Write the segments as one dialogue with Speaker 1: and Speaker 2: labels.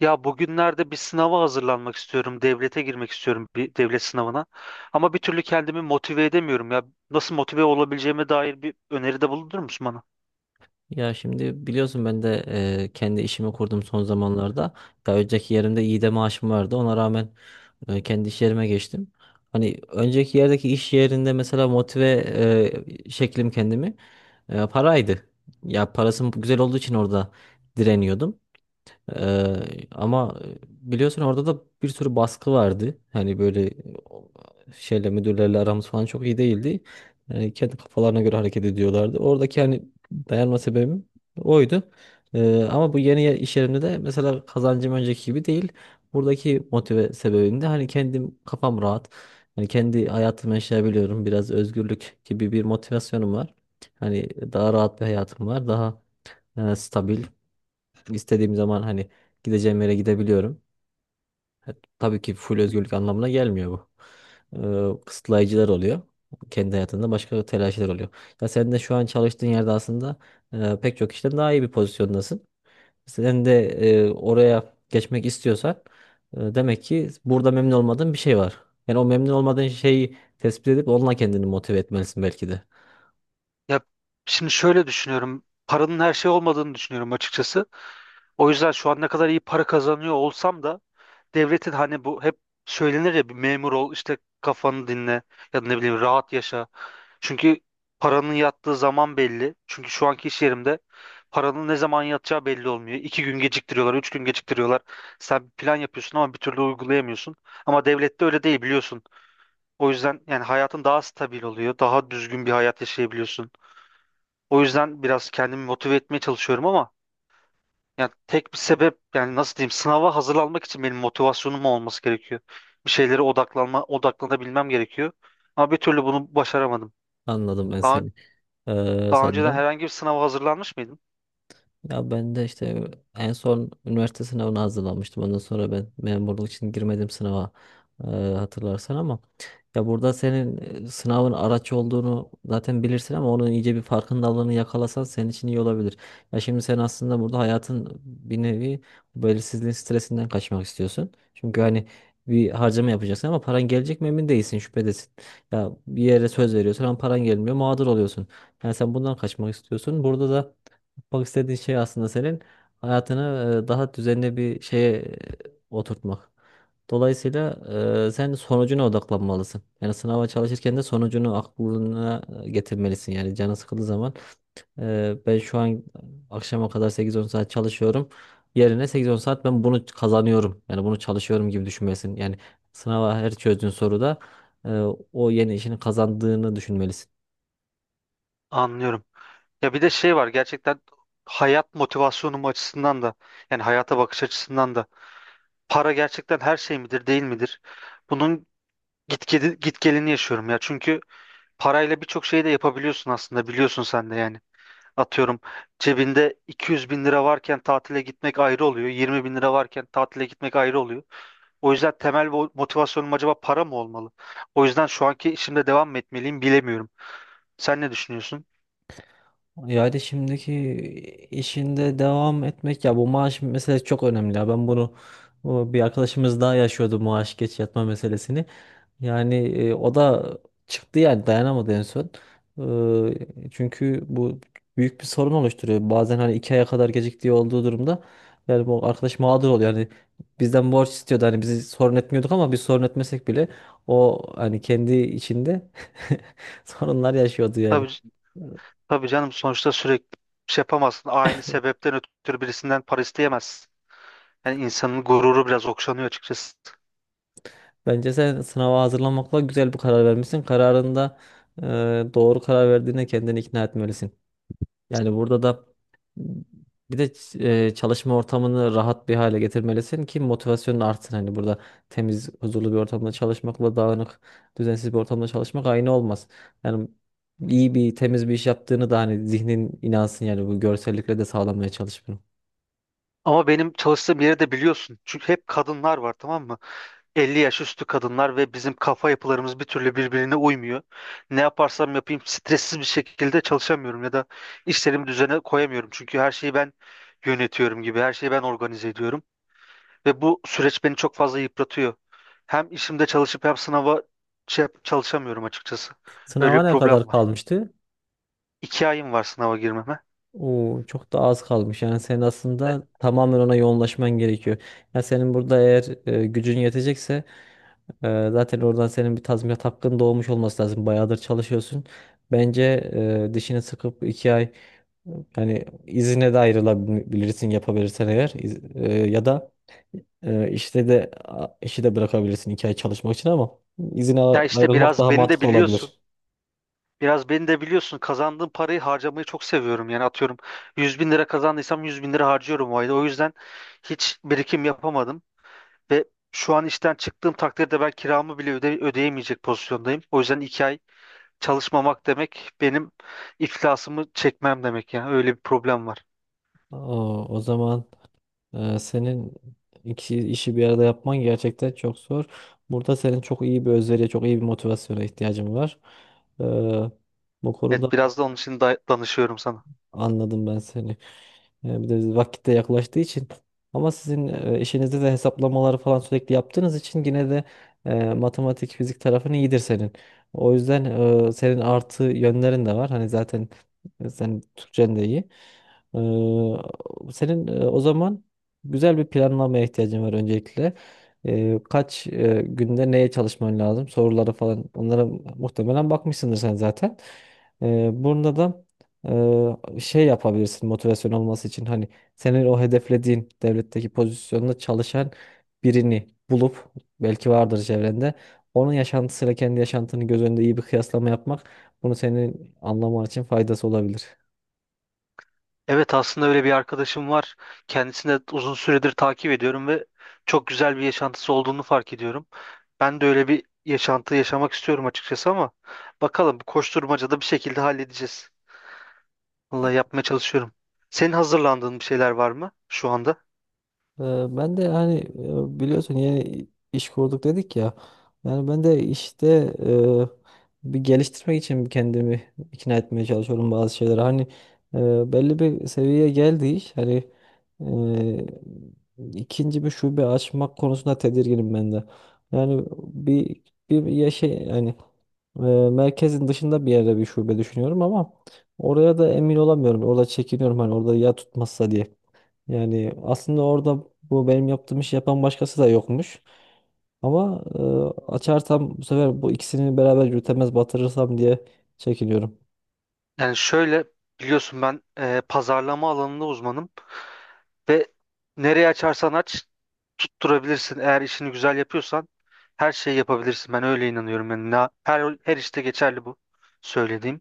Speaker 1: Ya bugünlerde bir sınava hazırlanmak istiyorum. Devlete girmek istiyorum bir devlet sınavına. Ama bir türlü kendimi motive edemiyorum ya. Nasıl motive olabileceğime dair bir öneride bulunur musun bana?
Speaker 2: Ya şimdi biliyorsun ben de kendi işimi kurdum son zamanlarda. Ya önceki yerimde iyi de maaşım vardı. Ona rağmen kendi iş yerime geçtim. Hani önceki yerdeki iş yerinde mesela motive şeklim kendimi paraydı. Ya parasım güzel olduğu için orada direniyordum. Ama biliyorsun orada da bir sürü baskı vardı. Hani böyle o, şeyle müdürlerle aramız falan çok iyi değildi. Yani kendi kafalarına göre hareket ediyorlardı. Oradaki hani dayanma sebebim oydu. Ama bu iş yerimde de mesela kazancım önceki gibi değil. Buradaki motive sebebim de hani kendim kafam rahat. Hani kendi hayatımı yaşayabiliyorum. Biraz özgürlük gibi bir motivasyonum var. Hani daha rahat bir hayatım var. Daha stabil. İstediğim zaman hani gideceğim yere gidebiliyorum. Tabii ki full özgürlük anlamına gelmiyor bu. Kısıtlayıcılar oluyor. Kendi hayatında başka telaşlar oluyor. Ya sen de şu an çalıştığın yerde aslında pek çok kişiden daha iyi bir pozisyondasın. Sen de oraya geçmek istiyorsan demek ki burada memnun olmadığın bir şey var. Yani o memnun olmadığın şeyi tespit edip onunla kendini motive etmelisin belki de.
Speaker 1: Ya şimdi şöyle düşünüyorum. Paranın her şey olmadığını düşünüyorum açıkçası. O yüzden şu an ne kadar iyi para kazanıyor olsam da devletin hani bu hep söylenir ya, bir memur ol işte kafanı dinle ya da ne bileyim rahat yaşa. Çünkü paranın yattığı zaman belli. Çünkü şu anki iş yerimde paranın ne zaman yatacağı belli olmuyor. 2 gün geciktiriyorlar, 3 gün geciktiriyorlar. Sen bir plan yapıyorsun ama bir türlü uygulayamıyorsun. Ama devlette öyle değil, biliyorsun. O yüzden yani hayatın daha stabil oluyor. Daha düzgün bir hayat yaşayabiliyorsun. O yüzden biraz kendimi motive etmeye çalışıyorum ama yani tek bir sebep, yani nasıl diyeyim, sınava hazırlanmak için benim motivasyonum olması gerekiyor. Bir şeylere odaklanma, odaklanabilmem gerekiyor. Ama bir türlü bunu başaramadım.
Speaker 2: Anladım ben
Speaker 1: Daha
Speaker 2: seni.
Speaker 1: Daha önceden
Speaker 2: Sanırım.
Speaker 1: herhangi bir sınava hazırlanmış mıydın?
Speaker 2: Ya ben de işte en son üniversite sınavına hazırlanmıştım. Ondan sonra ben memurluk için girmedim sınava, hatırlarsan, ama ya burada senin sınavın araç olduğunu zaten bilirsin ama onun iyice bir farkındalığını yakalasan senin için iyi olabilir. Ya şimdi sen aslında burada hayatın bir nevi belirsizliğin stresinden kaçmak istiyorsun. Çünkü hani bir harcama yapacaksın ama paran gelecek mi emin değilsin, şüphedesin. Ya bir yere söz veriyorsun ama paran gelmiyor, mağdur oluyorsun. Yani sen bundan kaçmak istiyorsun. Burada da yapmak istediğin şey aslında senin hayatını daha düzenli bir şeye oturtmak. Dolayısıyla sen sonucuna odaklanmalısın. Yani sınava çalışırken de sonucunu aklına getirmelisin. Yani canın sıkıldığı zaman ben şu an akşama kadar sekiz on saat çalışıyorum. Yerine sekiz on saat ben bunu kazanıyorum. Yani bunu çalışıyorum gibi düşünmelisin. Yani sınava her çözdüğün soruda e, o yeni işini kazandığını düşünmelisin.
Speaker 1: Anlıyorum. Ya bir de şey var, gerçekten hayat motivasyonum açısından da, yani hayata bakış açısından da, para gerçekten her şey midir değil midir? Bunun git gelini yaşıyorum ya. Çünkü parayla birçok şeyi de yapabiliyorsun aslında, biliyorsun sen de yani. Atıyorum, cebinde 200 bin lira varken tatile gitmek ayrı oluyor. 20 bin lira varken tatile gitmek ayrı oluyor. O yüzden temel motivasyonum acaba para mı olmalı? O yüzden şu anki işimde devam mı etmeliyim, bilemiyorum. Sen ne düşünüyorsun?
Speaker 2: Yani şimdiki işinde devam etmek, ya bu maaş meselesi çok önemli. Ya ben bunu, bu bir arkadaşımız daha yaşıyordu maaş geç yatma meselesini. Yani o da çıktı, yani dayanamadı en son. Çünkü bu büyük bir sorun oluşturuyor bazen, hani iki aya kadar geciktiği olduğu durumda. Yani bu arkadaş mağdur oluyor yani, bizden borç istiyordu. Hani bizi sorun etmiyorduk ama biz sorun etmesek bile o hani kendi içinde sorunlar yaşıyordu yani.
Speaker 1: Tabii, tabii canım, sonuçta sürekli bir şey yapamazsın. Aynı sebepten ötürü birisinden para isteyemezsin. Yani insanın gururu biraz okşanıyor açıkçası.
Speaker 2: Bence sen sınava hazırlanmakla güzel bir karar vermişsin. Kararında e, doğru karar verdiğine kendini ikna etmelisin. Yani burada da bir de çalışma ortamını rahat bir hale getirmelisin ki motivasyonun artsın. Hani burada temiz, huzurlu bir ortamda çalışmakla dağınık, düzensiz bir ortamda çalışmak aynı olmaz. Yani iyi bir, temiz bir iş yaptığını da hani zihnin inansın. Yani bu görsellikle de sağlamaya çalış bunu.
Speaker 1: Ama benim çalıştığım yeri de biliyorsun. Çünkü hep kadınlar var, tamam mı? 50 yaş üstü kadınlar ve bizim kafa yapılarımız bir türlü birbirine uymuyor. Ne yaparsam yapayım stressiz bir şekilde çalışamıyorum ya da işlerimi düzene koyamıyorum. Çünkü her şeyi ben yönetiyorum gibi, her şeyi ben organize ediyorum. Ve bu süreç beni çok fazla yıpratıyor. Hem işimde çalışıp hem sınava çalışamıyorum açıkçası. Öyle
Speaker 2: Sınava
Speaker 1: bir
Speaker 2: ne
Speaker 1: problem
Speaker 2: kadar
Speaker 1: var.
Speaker 2: kalmıştı?
Speaker 1: 2 ayım var sınava girmeme.
Speaker 2: Oo, çok da az kalmış. Yani senin aslında tamamen ona yoğunlaşman gerekiyor. Yani senin burada eğer gücün yetecekse zaten oradan senin bir tazminat hakkın doğmuş olması lazım. Bayağıdır çalışıyorsun. Bence dişini sıkıp iki ay, yani izine de ayrılabilirsin yapabilirsen eğer. Ya da işte de işi de bırakabilirsin iki ay çalışmak için ama izine
Speaker 1: Ya işte
Speaker 2: ayrılmak
Speaker 1: biraz
Speaker 2: daha
Speaker 1: beni de
Speaker 2: mantıklı
Speaker 1: biliyorsun.
Speaker 2: olabilir.
Speaker 1: Biraz beni de biliyorsun. Kazandığım parayı harcamayı çok seviyorum. Yani atıyorum, 100 bin lira kazandıysam 100 bin lira harcıyorum o ayda. O yüzden hiç birikim yapamadım. Ve şu an işten çıktığım takdirde ben kiramı bile öde ödeyemeyecek pozisyondayım. O yüzden 2 ay çalışmamak demek benim iflasımı çekmem demek. Yani öyle bir problem var.
Speaker 2: Aa, o zaman. Senin iki işi bir arada yapman gerçekten çok zor. Burada senin çok iyi bir özveriye, çok iyi bir motivasyona ihtiyacın var. Ee, Bu konuda.
Speaker 1: Evet, biraz da onun için danışıyorum sana.
Speaker 2: Anladım ben seni. Bir de vakitte yaklaştığı için. Ama sizin işinizde de hesaplamaları falan sürekli yaptığınız için yine de matematik, fizik tarafın iyidir senin. O yüzden senin artı yönlerin de var. Hani zaten sen Türkçen de iyi. Senin o zaman güzel bir planlamaya ihtiyacın var öncelikle. Kaç günde neye çalışman lazım? Soruları falan. Onlara muhtemelen bakmışsındır sen zaten. Bunda da şey yapabilirsin motivasyon olması için. Hani senin o hedeflediğin devletteki pozisyonda çalışan birini bulup, belki vardır çevrende, onun yaşantısıyla kendi yaşantını göz önünde iyi bir kıyaslama yapmak, bunu senin anlaman için faydası olabilir.
Speaker 1: Evet, aslında öyle bir arkadaşım var. Kendisini de uzun süredir takip ediyorum ve çok güzel bir yaşantısı olduğunu fark ediyorum. Ben de öyle bir yaşantı yaşamak istiyorum açıkçası ama bakalım, bu koşturmacada bir şekilde halledeceğiz. Vallahi yapmaya çalışıyorum. Senin hazırlandığın bir şeyler var mı şu anda?
Speaker 2: Ee, Ben de hani biliyorsun yeni iş kurduk dedik ya. Yani ben de işte bir geliştirmek için kendimi ikna etmeye çalışıyorum bazı şeylere. Hani belli bir seviyeye geldi iş. Hani ikinci bir şube açmak konusunda tedirginim ben de. Yani bir ya şey yani e, merkezin dışında bir yerde bir şube düşünüyorum ama oraya da emin olamıyorum. Orada çekiniyorum, hani orada ya tutmazsa diye. Yani aslında orada bu benim yaptığım işi yapan başkası da yokmuş. Ama açarsam bu sefer bu ikisini beraber yürütemez, batırırsam diye çekiniyorum.
Speaker 1: Yani şöyle, biliyorsun ben pazarlama alanında uzmanım. Ve nereye açarsan aç tutturabilirsin. Eğer işini güzel yapıyorsan her şeyi yapabilirsin. Ben öyle inanıyorum. Yani her işte geçerli bu söylediğim.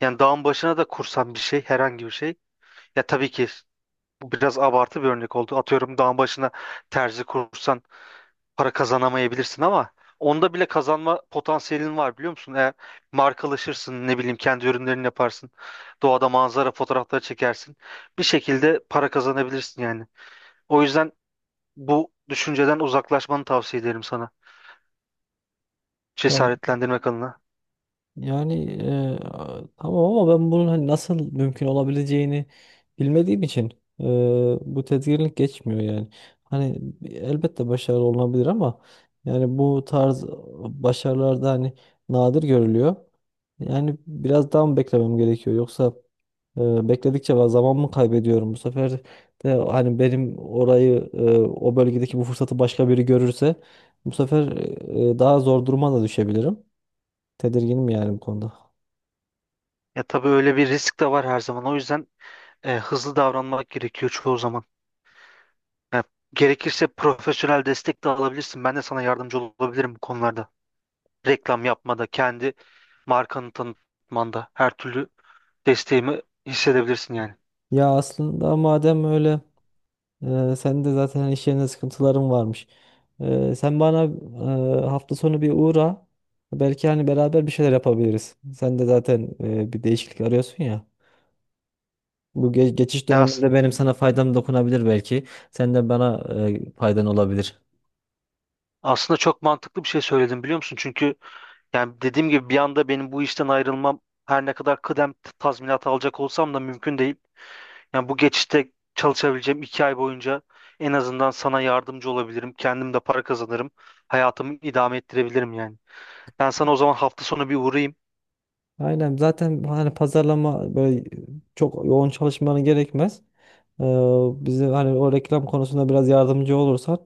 Speaker 1: Yani dağın başına da kursan bir şey, herhangi bir şey. Ya tabii ki bu biraz abartı bir örnek oldu. Atıyorum, dağın başına terzi kursan para kazanamayabilirsin ama onda bile kazanma potansiyelin var, biliyor musun? Eğer markalaşırsın, ne bileyim kendi ürünlerini yaparsın. Doğada manzara fotoğrafları çekersin. Bir şekilde para kazanabilirsin yani. O yüzden bu düşünceden uzaklaşmanı tavsiye ederim sana.
Speaker 2: Ya-
Speaker 1: Cesaretlendirmek adına.
Speaker 2: Yani tamam ama ben bunun hani nasıl mümkün olabileceğini bilmediğim için e, bu tedirginlik geçmiyor yani. Hani elbette başarılı olunabilir ama yani bu tarz başarılarda hani nadir görülüyor. Yani biraz daha mı beklemem gerekiyor yoksa bekledikçe ben zaman mı kaybediyorum bu sefer de? Hani benim orayı, o bölgedeki bu fırsatı başka biri görürse bu sefer daha zor duruma da düşebilirim. Tedirginim yani bu konuda.
Speaker 1: Ya tabii öyle bir risk de var her zaman. O yüzden hızlı davranmak gerekiyor çoğu zaman. Ya, gerekirse profesyonel destek de alabilirsin. Ben de sana yardımcı olabilirim bu konularda. Reklam yapmada, kendi markanı tanıtmanda her türlü desteğimi hissedebilirsin yani.
Speaker 2: Ya aslında madem öyle, senin de zaten iş yerinde sıkıntıların varmış. Sen bana hafta sonu bir uğra. Belki hani beraber bir şeyler yapabiliriz. Sen de zaten bir değişiklik arıyorsun ya. Bu geçiş
Speaker 1: Ya
Speaker 2: döneminde benim sana faydam dokunabilir belki. Sen de bana faydan olabilir.
Speaker 1: aslında çok mantıklı bir şey söyledim, biliyor musun? Çünkü yani dediğim gibi bir anda benim bu işten ayrılmam, her ne kadar kıdem tazminatı alacak olsam da, mümkün değil. Yani bu geçişte çalışabileceğim 2 ay boyunca en azından sana yardımcı olabilirim. Kendim de para kazanırım. Hayatımı idame ettirebilirim yani. Ben sana o zaman hafta sonu bir uğrayayım.
Speaker 2: Aynen, zaten hani pazarlama böyle çok yoğun çalışmanı gerekmez. Ee, Bize hani o reklam konusunda biraz yardımcı olursan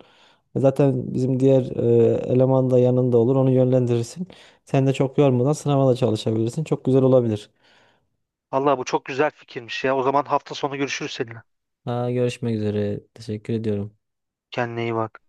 Speaker 2: zaten bizim diğer eleman da yanında olur, onu yönlendirirsin. Sen de çok yormadan sınava da çalışabilirsin. Çok güzel olabilir.
Speaker 1: Allah, bu çok güzel fikirmiş ya. O zaman hafta sonu görüşürüz seninle.
Speaker 2: Ha, görüşmek üzere. Teşekkür ediyorum.
Speaker 1: Kendine iyi bak.